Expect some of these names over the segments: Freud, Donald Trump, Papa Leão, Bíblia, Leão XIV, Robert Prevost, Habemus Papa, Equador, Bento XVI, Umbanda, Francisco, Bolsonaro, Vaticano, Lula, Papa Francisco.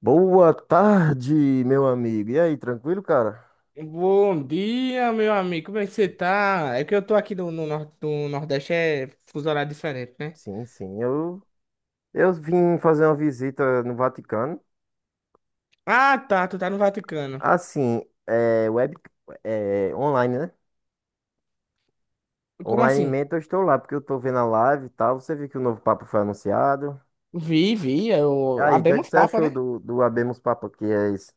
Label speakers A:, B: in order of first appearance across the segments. A: Boa tarde, meu amigo. E aí, tranquilo, cara?
B: Bom dia, meu amigo. Como é que você tá? É que eu tô aqui no Nordeste, é fuso horário diferente, né?
A: Sim, sim. Eu vim fazer uma visita no Vaticano.
B: Ah, tá. Tu tá no Vaticano.
A: Assim, é, web, é, online, né?
B: Como assim?
A: Online eu estou lá, porque eu estou vendo a live e tal. Você viu que o novo Papa foi anunciado.
B: Vi, vi.
A: E aí, o que é que
B: Abemos
A: você
B: papo,
A: achou
B: né?
A: do Habemus Papa, que é isso?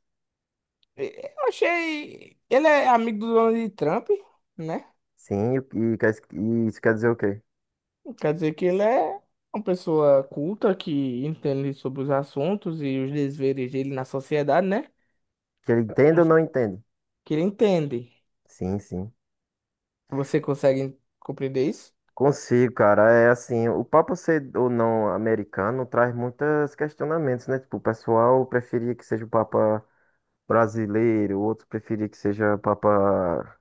B: Eu achei. Ele é amigo do Donald Trump, né?
A: Sim, e, isso quer dizer o quê?
B: Quer dizer que ele é uma pessoa culta que entende sobre os assuntos e os desveres dele na sociedade, né?
A: Que ele entende ou não entende?
B: Que ele entende.
A: Sim, sim.
B: Você consegue compreender isso?
A: Consigo, cara. É assim, o papo ser ou não americano traz muitos questionamentos, né? Tipo, o pessoal preferia que seja o Papa brasileiro, outros preferia que seja o Papa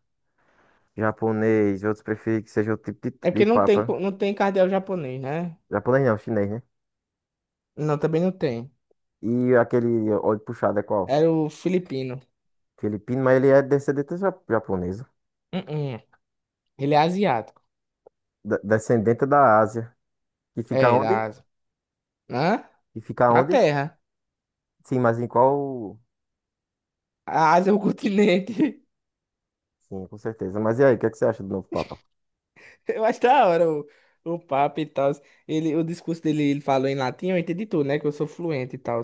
A: japonês, outros preferia que seja outro tipo
B: É
A: de,
B: porque
A: de Papa.
B: não tem cardeal japonês, né?
A: Japonês não, chinês, né?
B: Não, também não tem.
A: E aquele olho puxado é qual?
B: Era o filipino.
A: Filipino, mas ele é descendente japonesa,
B: Uh-uh. Ele é asiático.
A: descendente da Ásia. E fica
B: É,
A: onde?
B: da Ásia. Hã?
A: E fica
B: Na
A: onde?
B: Terra.
A: Sim, mas em qual?
B: A Ásia é o continente.
A: Sim, com certeza. Mas e aí, o que é que você acha do novo Papa?
B: Eu acho da hora o papo e tal. Ele, o discurso dele, ele falou em latim, eu entendi tudo, né? Que eu sou fluente e tal.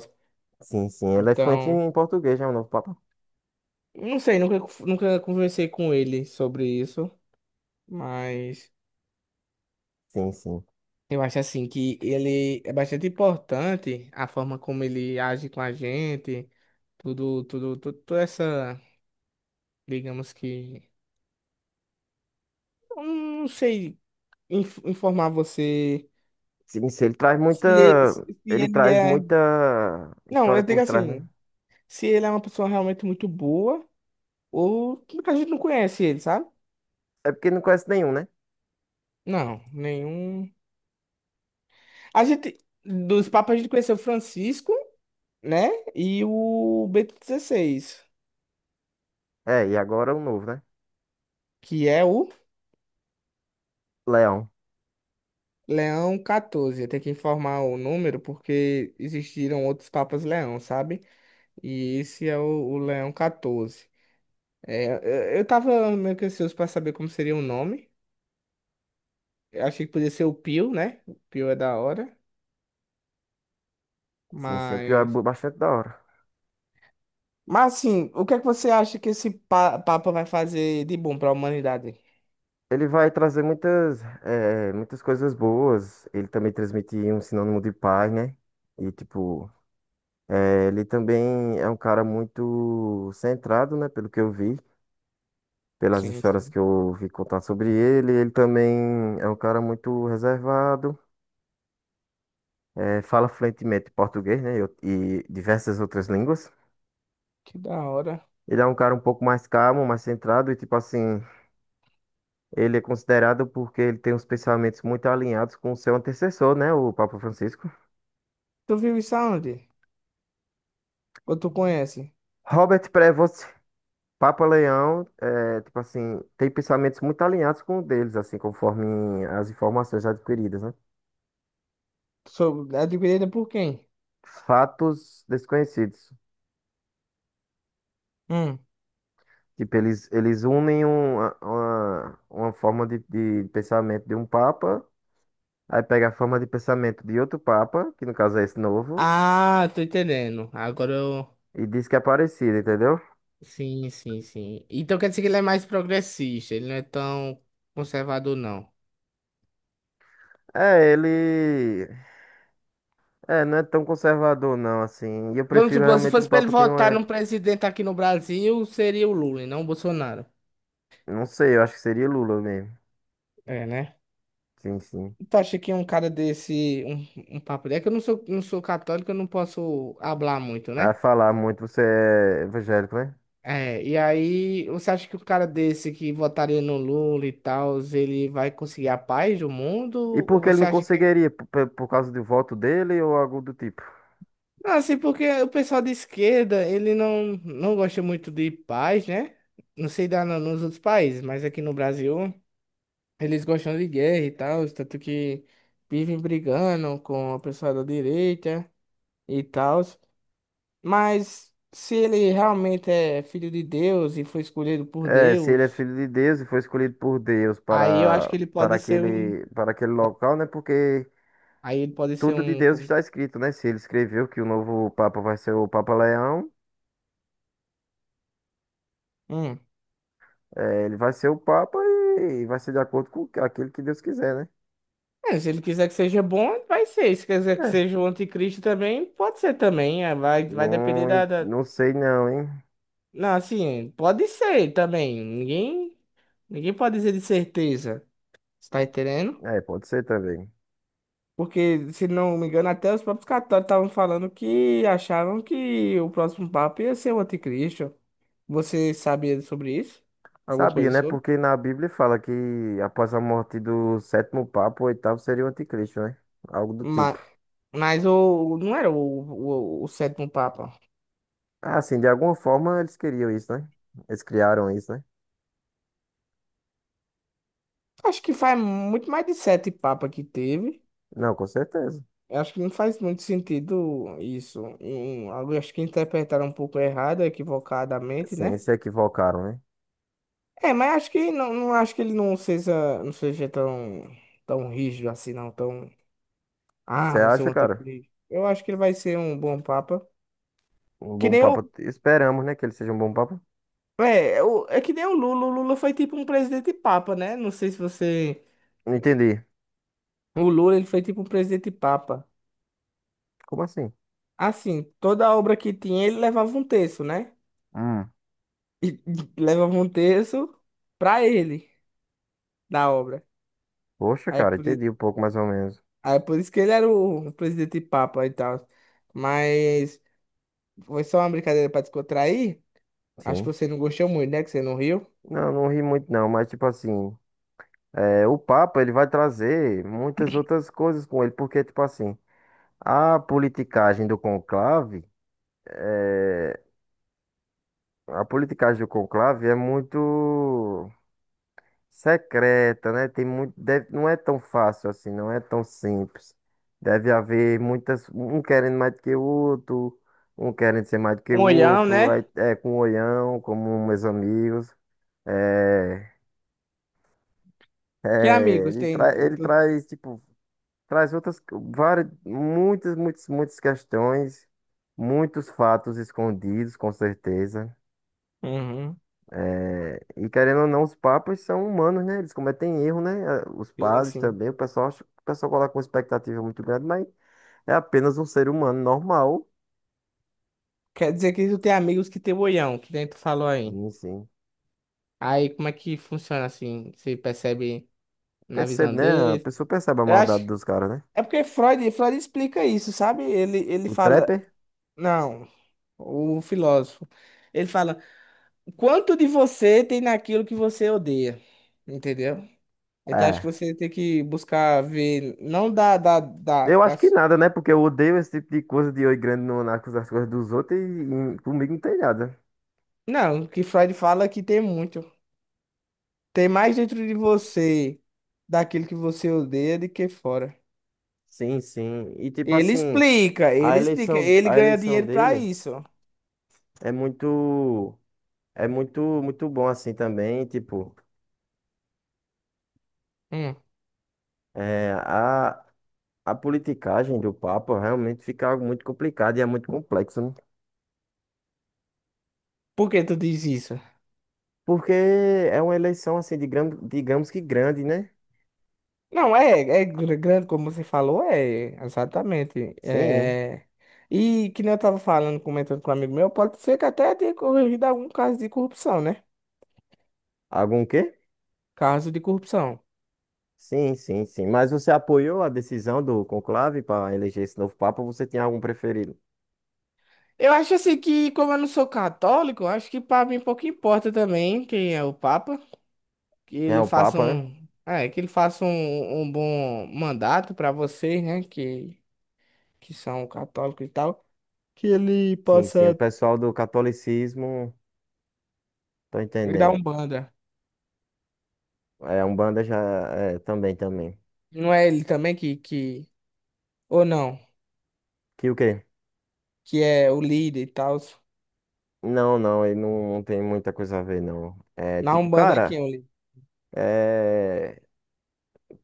A: Sim, sim. Ele é fluente
B: Então,
A: em português, é o novo Papa.
B: não sei, nunca conversei com ele sobre isso, mas
A: Sim, sim.
B: eu acho assim que ele é bastante importante a forma como ele age com a gente, tudo, tudo, tudo, toda essa, digamos que. Eu não sei informar você
A: Sim, sim. Ele traz
B: se ele, se
A: muita.
B: se
A: Ele
B: ele
A: traz
B: é.
A: muita
B: Não,
A: história
B: eu digo
A: por trás, né?
B: assim, se ele é uma pessoa realmente muito boa ou que a gente não conhece ele, sabe?
A: É porque não conhece nenhum, né?
B: Não, nenhum. A gente, dos papas, a gente conheceu o Francisco, né? E o Bento XVI,
A: É, e agora o novo, né?
B: que é o
A: Leão.
B: Leão XIV. Eu tenho que informar o número porque existiram outros papas Leão, sabe? E esse é o Leão XIV. É, eu tava meio que ansioso pra saber como seria o nome. Eu achei que podia ser o Pio, né? O Pio é da hora,
A: Sim, sim. O pior é
B: mas.
A: bastante da hora.
B: Mas, assim, o que é que você acha que esse Papa vai fazer de bom pra humanidade?
A: Ele vai trazer muitas, muitas coisas boas. Ele também transmite um sinônimo de paz, né? E, tipo, ele também é um cara muito centrado, né? Pelo que eu vi, pelas
B: Sim,
A: histórias
B: sim.
A: que eu ouvi contar sobre ele. Ele também é um cara muito reservado, fala fluentemente português, né, e diversas outras línguas.
B: Que da hora.
A: Ele é um cara um pouco mais calmo, mais centrado, e tipo assim, ele é considerado porque ele tem uns pensamentos muito alinhados com o seu antecessor, né, o Papa Francisco.
B: Tu viu isso aonde? Ou tu conhece?
A: Robert Prevost, Papa Leão, é, tipo assim, tem pensamentos muito alinhados com o deles, assim, conforme as informações adquiridas, né?
B: Sou adquirida por quem?
A: Fatos desconhecidos.
B: Hum.
A: Tipo, eles unem uma forma de pensamento de um papa, aí pega a forma de pensamento de outro papa, que no caso é esse novo,
B: Ah, tô entendendo.
A: e diz que é parecido, entendeu?
B: Sim, sim, sim. Então quer dizer que ele é mais progressista, ele não é tão conservador, não.
A: É, ele. É, não é tão conservador, não, assim. E eu
B: Vamos
A: prefiro
B: supor, se
A: realmente um
B: fosse para ele
A: papa que não
B: votar
A: é.
B: num presidente aqui no Brasil, seria o Lula e não o Bolsonaro.
A: Não sei, eu acho que seria Lula mesmo.
B: É, né?
A: Sim, sim.
B: Tu acha que um cara desse, um papo desse, é que eu não sou católico, eu não posso hablar muito,
A: A
B: né?
A: falar muito, você é evangélico, né?
B: É, e aí, você acha que o cara desse que votaria no Lula e tal, ele vai conseguir a paz do mundo?
A: E por
B: Ou
A: que ele
B: você
A: não
B: acha que.
A: conseguiria? Por causa do voto dele ou algo do tipo?
B: Não, assim, porque o pessoal de esquerda, ele não gosta muito de paz, né? Não sei dar nos outros países, mas aqui no Brasil. Eles gostam de guerra e tal, tanto que vivem brigando com a pessoa da direita e tal. Mas se ele realmente é filho de Deus e foi escolhido por
A: É, se ele é
B: Deus,
A: filho de Deus e foi escolhido por Deus
B: aí eu acho
A: para,
B: que ele
A: para
B: pode ser um.
A: aquele, para aquele local, né? Porque
B: Aí ele pode ser
A: tudo de
B: um.
A: Deus está escrito, né? Se ele escreveu que o novo Papa vai ser o Papa Leão,
B: Hum.
A: é, ele vai ser o Papa e vai ser de acordo com aquilo que Deus quiser, né?
B: É, se ele quiser que seja bom, vai ser. Se quiser que
A: É,
B: seja o anticristo também, pode ser também. Vai depender
A: não,
B: da, da-
A: não sei não, hein?
B: Não, assim, pode ser também. Ninguém pode dizer de certeza. Você tá entendendo?
A: É, pode ser também.
B: Porque, se não me engano, até os próprios católicos estavam falando que achavam que o próximo Papa ia ser o anticristo. Você sabia sobre isso? Alguma
A: Sabia,
B: coisa
A: né?
B: sobre?
A: Porque na Bíblia fala que após a morte do sétimo Papa, o oitavo seria o anticristo, né? Algo do tipo.
B: Mas, mas não era o sétimo Papa.
A: Ah, assim, de alguma forma eles queriam isso, né? Eles criaram isso, né?
B: Acho que faz muito mais de sete papas que teve.
A: Não, com certeza.
B: Eu acho que não faz muito sentido isso. Eu acho que interpretaram um pouco errado, equivocadamente,
A: Sim,
B: né?
A: se equivocaram, né?
B: É, mas acho que não acho que ele não seja, tão rígido assim, não. Tão
A: Você
B: Ah, você é o
A: acha, cara?
B: anticristo. Eu acho que ele vai ser um bom papa.
A: Um
B: Que
A: bom
B: nem o,
A: papa. Esperamos, né? Que ele seja um bom papa.
B: que nem o Lula. O Lula foi tipo um presidente papa, né? Não sei se você.
A: Não entendi.
B: O Lula, ele foi tipo um presidente papa.
A: Como assim?
B: Assim, toda obra que tinha, ele levava um terço, né?
A: Hum.
B: E levava um terço pra ele da obra.
A: Poxa,
B: Aí é
A: cara,
B: por, i-
A: entendi um pouco mais ou menos.
B: aí é por isso que ele era o presidente papa e tal. Mas foi só uma brincadeira pra descontrair. Acho que
A: Sim.
B: você não gostou muito, né? Que você não riu.
A: Não, não ri muito não, mas tipo assim, é, o Papa ele vai trazer muitas outras coisas com ele, porque tipo assim, a politicagem do conclave, é, a politicagem do conclave é muito secreta, né? Tem muito, não é tão fácil assim, não é tão simples. Deve haver muitas, um querendo mais do que o outro, um querendo ser mais do que
B: Um
A: o
B: olhão,
A: outro,
B: né?
A: aí é com o olhão, como meus amigos. É,
B: Que
A: é,
B: amigos
A: ele,
B: tem?
A: tra, ele traz, tipo, traz outras, várias, muitas, muitas, muitas questões, muitos fatos escondidos, com certeza.
B: Uhum,
A: E querendo ou não, os papas são humanos, né? Eles cometem erro, né? Ah, os
B: sim,
A: padres
B: sim.
A: também, o pessoal acha, o pessoal coloca uma expectativa muito grande, mas é apenas um ser humano normal.
B: Quer dizer que tu tem amigos que tem boião, que nem tu falou aí.
A: Sim, sim.
B: Aí como é que funciona assim? Você percebe na
A: Percebe,
B: visão
A: né? A
B: dele?
A: pessoa percebe a
B: Eu
A: maldade
B: acho.
A: dos caras, né?
B: É porque Freud explica isso, sabe? Ele
A: O
B: fala.
A: Trapper?
B: Não, o filósofo. Ele fala: quanto de você tem naquilo que você odeia? Entendeu? Então acho que
A: É.
B: você tem que buscar ver. Não da, da, da,
A: Eu acho que
B: das-
A: nada, né? Porque eu odeio esse tipo de coisa de oi grande no, nas coisas dos outros e comigo não tem nada.
B: Não, que Freud fala que tem muito. Tem mais dentro de você daquilo que você odeia do que fora.
A: Sim, sim. E tipo
B: Ele
A: assim,
B: explica,
A: a
B: ele explica,
A: eleição,
B: ele
A: a
B: ganha
A: eleição
B: dinheiro pra
A: dele
B: isso.
A: é muito, muito bom assim também, tipo.
B: Hum.
A: É, a politicagem do Papa realmente fica algo muito complicado e é muito complexo, né?
B: Por que tu diz isso?
A: Porque é uma eleição, assim, de gran- digamos que grande, né?
B: Não, grande, como você falou, é, exatamente.
A: Sim.
B: É, e que nem eu tava falando, comentando com um amigo meu, pode ser que até tenha corrigido algum caso de corrupção, né?
A: Algum quê?
B: Caso de corrupção.
A: Sim, sim, sim. Mas você apoiou a decisão do conclave para eleger esse novo Papa, ou você tem algum preferido?
B: Eu acho assim que, como eu não sou católico, eu acho que pra mim pouco importa também quem é o Papa. Que
A: Quem é
B: ele
A: o
B: faça
A: Papa, né?
B: um bom mandato para vocês, né, que são católicos e tal, que ele
A: Sim, sim. O
B: possa
A: pessoal do catolicismo, tô
B: ir dar
A: entendendo.
B: Umbanda.
A: É, a Umbanda já é, também, também.
B: Não é ele também que, ou não,
A: Que o quê?
B: que é o líder e tal.
A: Não, não, ele não, não tem muita coisa a ver, não. É
B: Na
A: tipo,
B: Umbanda é
A: cara.
B: quem é o líder?
A: É.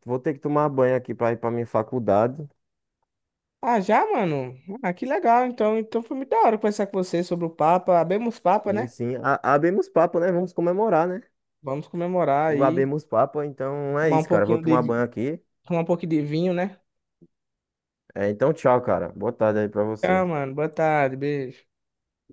A: Vou ter que tomar banho aqui pra ir pra minha faculdade.
B: Ah, já, mano? Ah, que legal. Então foi muito da hora conversar com você sobre o Papa. Abemos Papa,
A: E
B: né?
A: sim, abemos papo, né? Vamos comemorar, né?
B: Vamos comemorar
A: O
B: aí,
A: abemos papo, então é
B: tomar um
A: isso, cara. Vou
B: pouquinho de,
A: tomar banho
B: vi-
A: aqui.
B: tomar um pouquinho de vinho, né?
A: É, então, tchau, cara. Boa tarde aí pra
B: Tá,
A: você.
B: mano. Boa tarde, beijo.